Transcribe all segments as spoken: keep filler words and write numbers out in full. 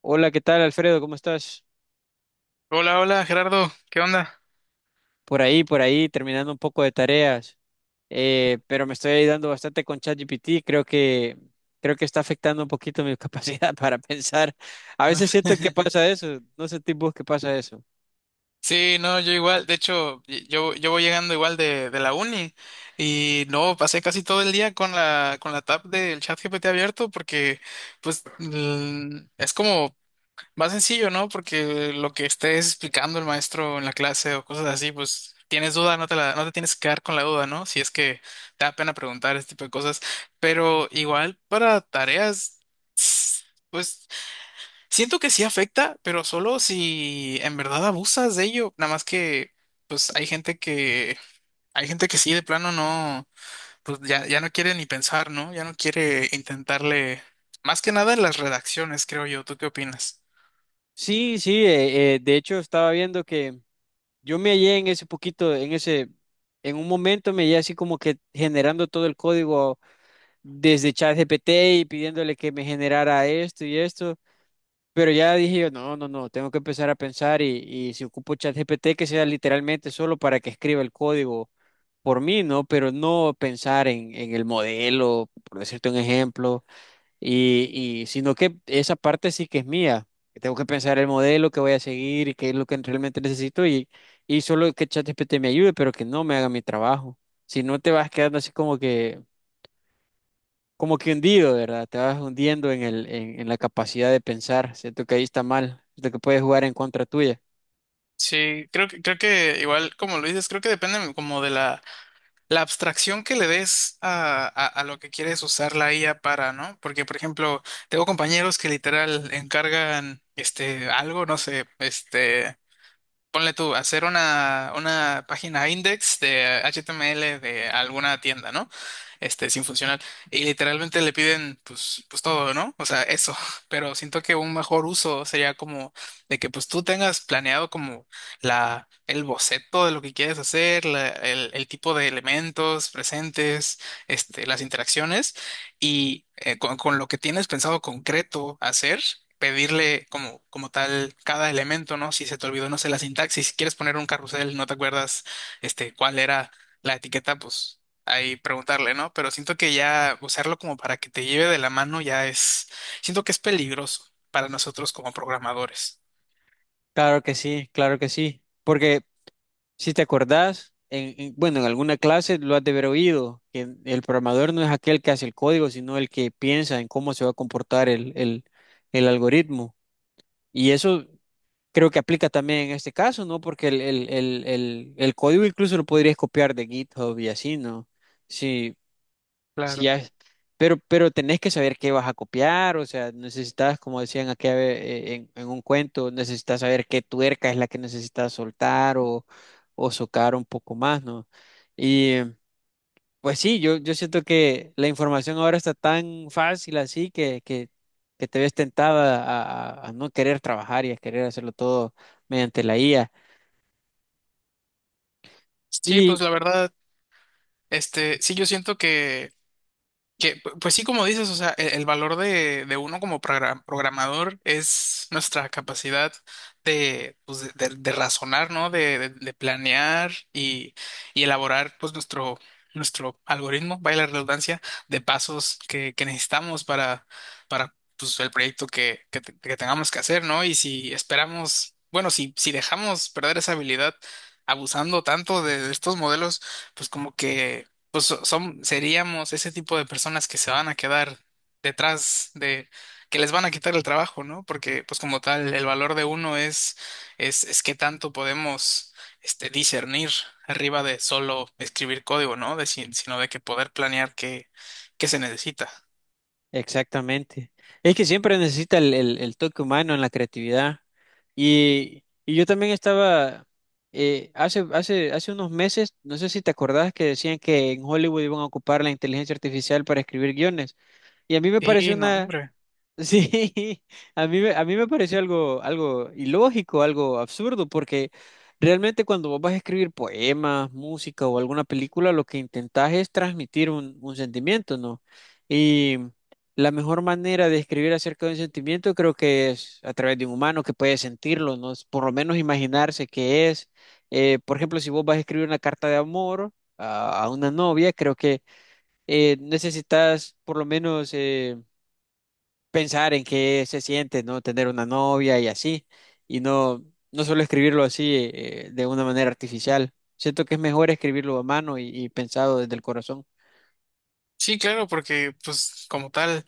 Hola, ¿qué tal, Alfredo? ¿Cómo estás? Hola, hola Gerardo, ¿qué onda? Por ahí, por ahí, terminando un poco de tareas, eh, pero me estoy ayudando bastante con ChatGPT. Creo que, creo que está afectando un poquito mi capacidad para pensar. A veces siento que pasa eso, no sentís vos que pasa eso. Sí, no, yo igual, de hecho, y- yo, yo voy llegando igual de, de la uni y no, pasé casi todo el día con la, con la tab del chat G P T abierto porque pues mm, es como más sencillo, ¿no? Porque lo que estés explicando el maestro en la clase o cosas así, pues tienes duda, no te la, no te tienes que quedar con la duda, ¿no? Si es que te da pena preguntar este tipo de cosas, pero igual para tareas, pues. Siento que sí afecta, pero solo si en verdad abusas de ello. Nada más que, pues hay gente que, hay gente que sí, de plano no, pues ya, ya no quiere ni pensar, ¿no? Ya no quiere intentarle, más que nada en las redacciones, creo yo. ¿Tú qué opinas? Sí, sí, eh, eh, de hecho estaba viendo que yo me hallé en ese poquito, en ese, en un momento me hallé así como que generando todo el código desde ChatGPT y pidiéndole que me generara esto y esto. Pero ya dije yo, no, no, no, tengo que empezar a pensar y, y si ocupo ChatGPT que sea literalmente solo para que escriba el código por mí, ¿no? Pero no pensar en, en el modelo, por decirte un ejemplo, y, y sino que esa parte sí que es mía, que tengo que pensar el modelo que voy a seguir y qué es lo que realmente necesito y, y solo que ChatGPT me ayude, pero que no me haga mi trabajo. Si no te vas quedando así como que como que hundido, ¿verdad? Te vas hundiendo en el, en, en la capacidad de pensar. Siento que ahí está mal, siento que puede jugar en contra tuya. Sí, creo que, creo que igual, como lo dices, creo que depende como de la, la abstracción que le des a, a, a lo que quieres usar la I A para, ¿no? Porque, por ejemplo, tengo compañeros que literal encargan este algo, no sé, este ponle tú, hacer una, una página index de H T M L de alguna tienda, ¿no? Este, sin funcional. Y literalmente le piden, pues, pues todo, ¿no? O sea, eso. Pero siento que un mejor uso sería como de que, pues, tú tengas planeado como la, el boceto de lo que quieres hacer, la- el, el tipo de elementos presentes, este, las interacciones y eh, con, con lo que tienes pensado concreto hacer, pedirle como, como tal cada elemento, ¿no? Si se te olvidó, no sé, la sintaxis, si quieres poner un carrusel, no te acuerdas este, cuál era la etiqueta, pues ahí preguntarle, ¿no? Pero siento que ya usarlo como para que te lleve de la mano ya es, siento que es peligroso para nosotros como programadores. Claro que sí, claro que sí. Porque si te acordás, en, en- bueno, en alguna clase lo has de haber oído, que el programador no es aquel que hace el código, sino el que piensa en cómo se va a comportar el, el, el algoritmo. Y eso creo que aplica también en este caso, ¿no? Porque el, el, el, el, el código incluso lo podrías copiar de GitHub y así, ¿no? Sí, sí, Claro. ya, pero, pero tenés que saber qué vas a copiar, o sea, necesitas, como decían aquí en, en un cuento, necesitas saber qué tuerca es la que necesitas soltar o, o socar un poco más, ¿no? Y pues sí, yo, yo siento que la información ahora está tan fácil así que, que, que te ves tentada a, a- a no querer trabajar y a querer hacerlo todo mediante la I A. Sí, pues la verdad, este, sí, yo siento que Que, pu- pues sí, como dices, o sea, e- el, valor de, de uno como progra- programador es nuestra capacidad de, pues, de, de- de razonar, ¿no? De, de- de planear y, y elaborar, pues, nuestro, nuestro algoritmo, vaya la redundancia, de pasos que, que necesitamos para, para, pues, el proyecto que, que, te- que tengamos que hacer, ¿no? Y si esperamos, bueno, si, si dejamos perder esa habilidad abusando tanto de de estos modelos, pues como que pues so- son, seríamos ese tipo de personas que se van a quedar detrás de, que les van a quitar el trabajo, ¿no? Porque, pues como tal, el valor de uno es, es, es qué tanto podemos, este, discernir arriba de solo escribir código, ¿no? De, si- sino de que poder planear qué, qué se necesita. Exactamente. Es que siempre necesita el, el- el toque humano en la creatividad. Y, y yo también estaba, eh, hace, hace, hace unos meses, no sé si te acordás que decían que en Hollywood iban a ocupar la inteligencia artificial para escribir guiones. Y a mí me Sí, pareció no, hombre. sí, a mí, me- a mí me pareció algo, algo ilógico, algo absurdo, porque realmente cuando vos vas a escribir poemas, música o alguna película, lo que intentás es transmitir un, un sentimiento, ¿no? Y la mejor manera de escribir acerca de un sentimiento creo que es a través de un humano que puede sentirlo, ¿no? Por lo menos imaginarse qué es. Eh, por ejemplo, si vos vas a escribir una carta de amor a, a una novia, creo que eh, necesitas por lo menos eh, pensar en qué se siente, ¿no? Tener una novia y así, y no, no solo escribirlo así eh, de una manera artificial. Siento que es mejor escribirlo a mano y, y pensado desde el corazón. Sí, claro, porque pues como tal,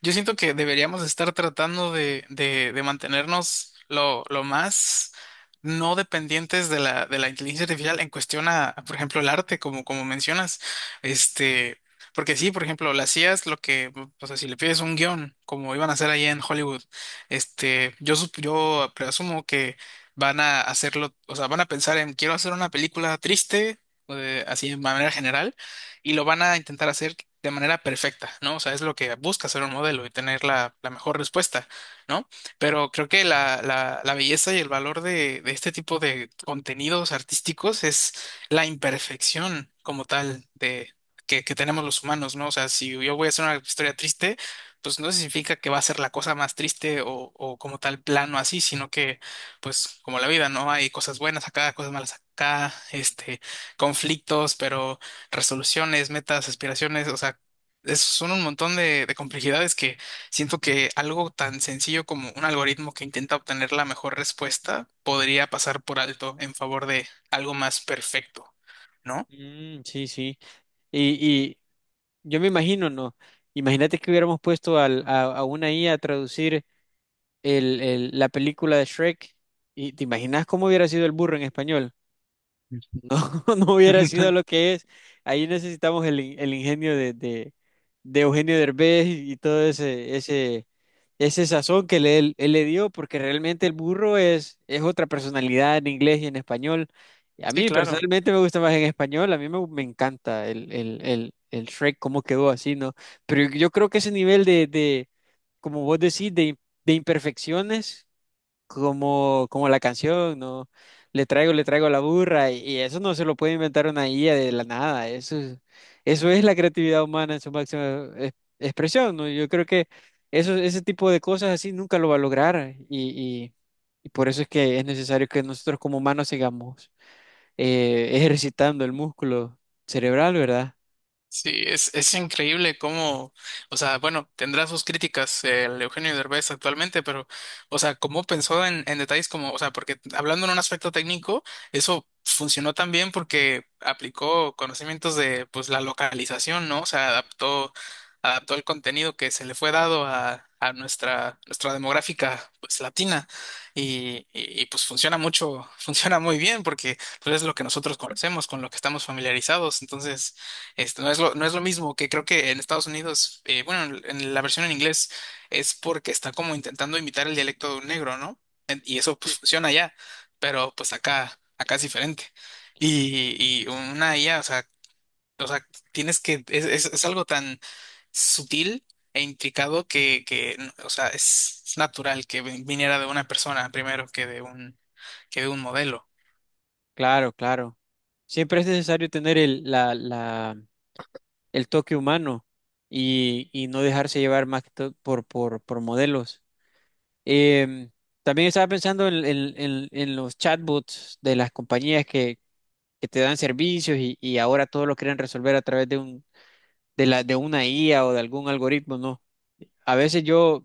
yo siento que deberíamos estar tratando de, de, de mantenernos lo, lo más no dependientes de la, de la inteligencia artificial en cuestión a, a, por ejemplo, el arte, como, como mencionas. Este, porque sí, por ejemplo, las I As, lo que, o sea, si le pides un guión, como iban a hacer allá en Hollywood, este, yo, sup- yo presumo que van a hacerlo, o sea, van a pensar en, quiero hacer una película triste, eh, así de manera general y lo van a intentar hacer de manera perfecta, ¿no? O sea, es lo que busca ser un modelo y tener la, la mejor respuesta, ¿no? Pero creo que la, la, la belleza y el valor de, de este tipo de contenidos artísticos es la imperfección como tal de, que, que tenemos los humanos, ¿no? O sea, si yo voy a hacer una historia triste, pues no significa que va a ser la cosa más triste o, o como tal plano así, sino que, pues como la vida, ¿no? Hay cosas buenas acá, cosas malas acá, este, conflictos, pero resoluciones, metas, aspiraciones, o sea, es- son un montón de, de complejidades que siento que algo tan sencillo como un algoritmo que intenta obtener la mejor respuesta podría pasar por alto en favor de algo más perfecto, ¿no? Mm, sí, sí. Y, y yo me imagino, ¿no? Imagínate que hubiéramos puesto al- a, a una IA a a traducir el, el- la película de Shrek y te imaginas cómo hubiera sido el burro en español. No, no hubiera sido lo que es. Ahí necesitamos el, in- el ingenio de, de, de Eugenio Derbez y, y todo ese, ese, ese sazón que le- él, él le dio, porque realmente el burro es, es otra personalidad en inglés y en español. Y a Sí, mí claro. personalmente me gusta más en español, a mí me, me encanta el, el, el, el Shrek, cómo quedó así, ¿no? Pero yo creo que ese nivel de, de como vos decís, de, de imperfecciones como, como la canción, ¿no? Le traigo, le traigo la burra, y, y eso no se lo puede inventar una I A de la nada, eso, es- eso es la creatividad humana en su máxima e- expresión, ¿no? Yo creo que eso, ese tipo de cosas así nunca lo va a lograr, y, y- y por eso es que es necesario que nosotros como humanos sigamos eh, ejercitando el músculo cerebral, ¿verdad? Sí, es, es increíble cómo, o sea, bueno, tendrá sus críticas el Eugenio Derbez actualmente, pero, o sea, cómo pensó en, en detalles como, o sea, porque hablando en un aspecto técnico, eso funcionó también porque aplicó conocimientos de, pues, la localización, ¿no? O sea, adaptó, adaptó el contenido que se le fue dado a, a nuestra, nuestra demográfica, pues, latina, y, y, y, pues funciona mucho, funciona muy bien porque, pues, es lo que nosotros conocemos, con lo que estamos familiarizados, entonces. Esto no es lo, no es lo mismo que creo que en Estados Unidos, eh, bueno, en en la versión en inglés es porque está como intentando imitar el dialecto de un negro, ¿no? En- Y eso pues Sí. funciona allá, pero pues acá, acá es diferente. Y, y una I A, o sea, o sea, tienes que, es, es, es algo tan sutil e intricado que, que, o sea, es natural que viniera de una persona primero que de un, que de un modelo. Claro, claro. Siempre es necesario tener el, la, la el toque humano y, y no dejarse llevar más que todo por, por, por modelos. Em, También estaba pensando en, en- en- en los chatbots de las compañías que, que te dan servicios y, y ahora todo lo quieren resolver a través de un, de la, de una I A o de algún algoritmo, ¿no? A veces yo,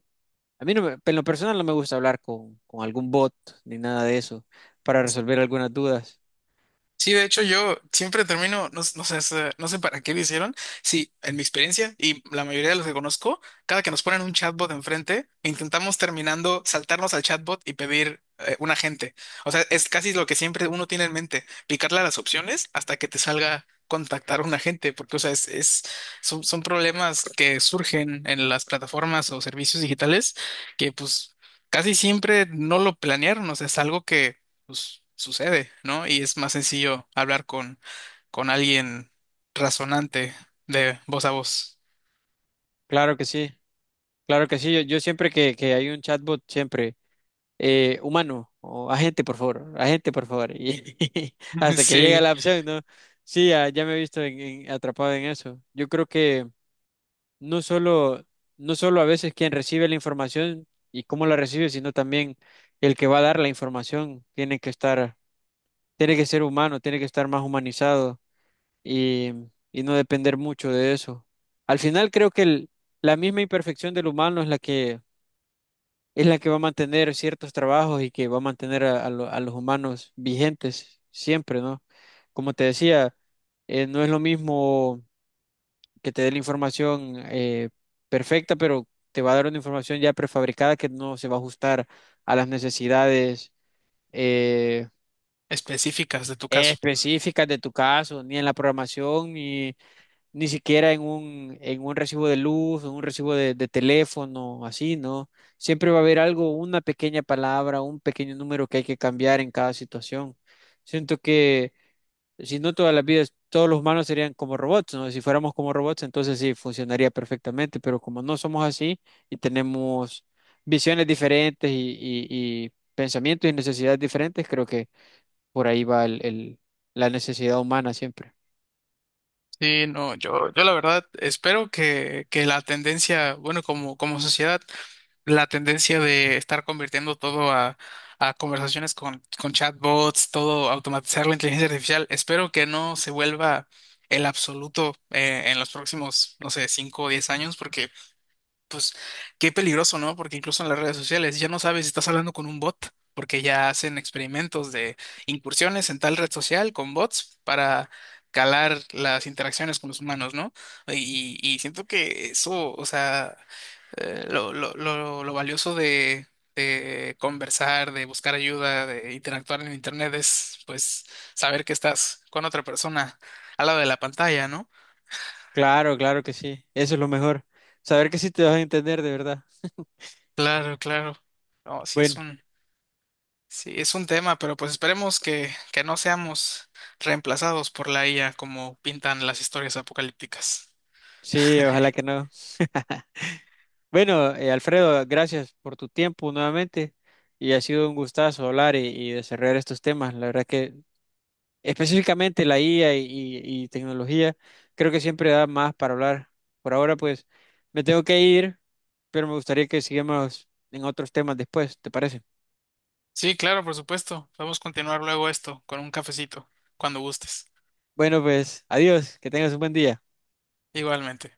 a mí no me- en lo personal no me gusta hablar con, con algún bot ni nada de eso para resolver algunas dudas. Sí, de hecho yo siempre termino, no, no sé, se- no sé para qué lo hicieron. Sí, en mi experiencia y la mayoría de los que conozco, cada que nos ponen un chatbot enfrente, intentamos terminando saltarnos al chatbot y pedir eh, un agente. O sea, es casi lo que siempre uno tiene en mente, picarle a las opciones hasta que te salga contactar a un agente, porque o sea, es, es- son, son problemas que surgen en las plataformas o servicios digitales que pues casi siempre no lo planearon, o sea, es algo que pues sucede, ¿no? Y es más sencillo hablar con, con alguien razonante de voz a voz. Claro que sí, claro que sí. Yo, yo siempre que, que hay un chatbot, siempre eh, humano o agente, por favor, agente, por favor. Y hasta que llega Sí, la opción, ¿no? Sí, ya, ya me he visto en- en- atrapado en eso. Yo creo que no solo, no solo a veces quien recibe la información y cómo la recibe, sino también el que va a dar la información tiene que estar, tiene que ser humano, tiene que estar más humanizado y, y no depender mucho de eso. Al final creo que el- la misma imperfección del humano es la que es la que va a mantener ciertos trabajos y que va a mantener a, a lo- a los humanos vigentes siempre, ¿no? Como te decía, eh, no es lo mismo que te dé la información eh, perfecta, pero te va a dar una información ya prefabricada que no se va a ajustar a las necesidades eh, específicas de tu caso. específicas de tu caso, ni en la programación, ni ni siquiera en un, en un recibo de luz, en un recibo de, de teléfono, así, ¿no? Siempre va a haber algo, una pequeña palabra, un pequeño número que hay que cambiar en cada situación. Siento que si no todas las vidas, todos los humanos serían como robots, ¿no? Si fuéramos como robots, entonces sí, funcionaría perfectamente, pero como no somos así y tenemos visiones diferentes y, y- y pensamientos y necesidades diferentes, creo que por ahí va el, el- la necesidad humana siempre. Sí, no, yo, yo la verdad espero que, que la tendencia, bueno, como, como sociedad, la tendencia de estar convirtiendo todo a, a conversaciones con, con chatbots, todo automatizar la inteligencia artificial, espero que no se vuelva el absoluto eh, en los próximos, no sé, cinco o diez años, porque pues qué peligroso, ¿no? Porque incluso en las redes sociales ya no sabes si estás hablando con un bot, porque ya hacen experimentos de incursiones en tal red social con bots para calar las interacciones con los humanos, ¿no? Y, y siento que eso, o sea, eh, lo, lo, lo, lo valioso de, de conversar, de buscar ayuda, de interactuar en Internet es, pues, saber que estás con otra persona al lado de la pantalla, ¿no? Claro, claro que sí. Eso es lo mejor. Saber que sí te vas a entender de verdad. Claro, claro. No, sí es Bueno, un. Sí, es un tema, pero pues esperemos que, que no seamos reemplazados por la I A como pintan las historias apocalípticas. sí, ojalá que no. Bueno, eh, Alfredo, gracias por tu tiempo nuevamente y ha sido un gustazo hablar y, y desarrollar estos temas. La verdad que específicamente la I A y, y- y tecnología creo que siempre da más para hablar. Por ahora pues me tengo que ir, pero me gustaría que sigamos en otros temas después, ¿te parece? Sí, claro, por supuesto. Vamos a continuar luego esto con un cafecito, cuando gustes. Bueno, pues adiós, que tengas un buen día. Igualmente.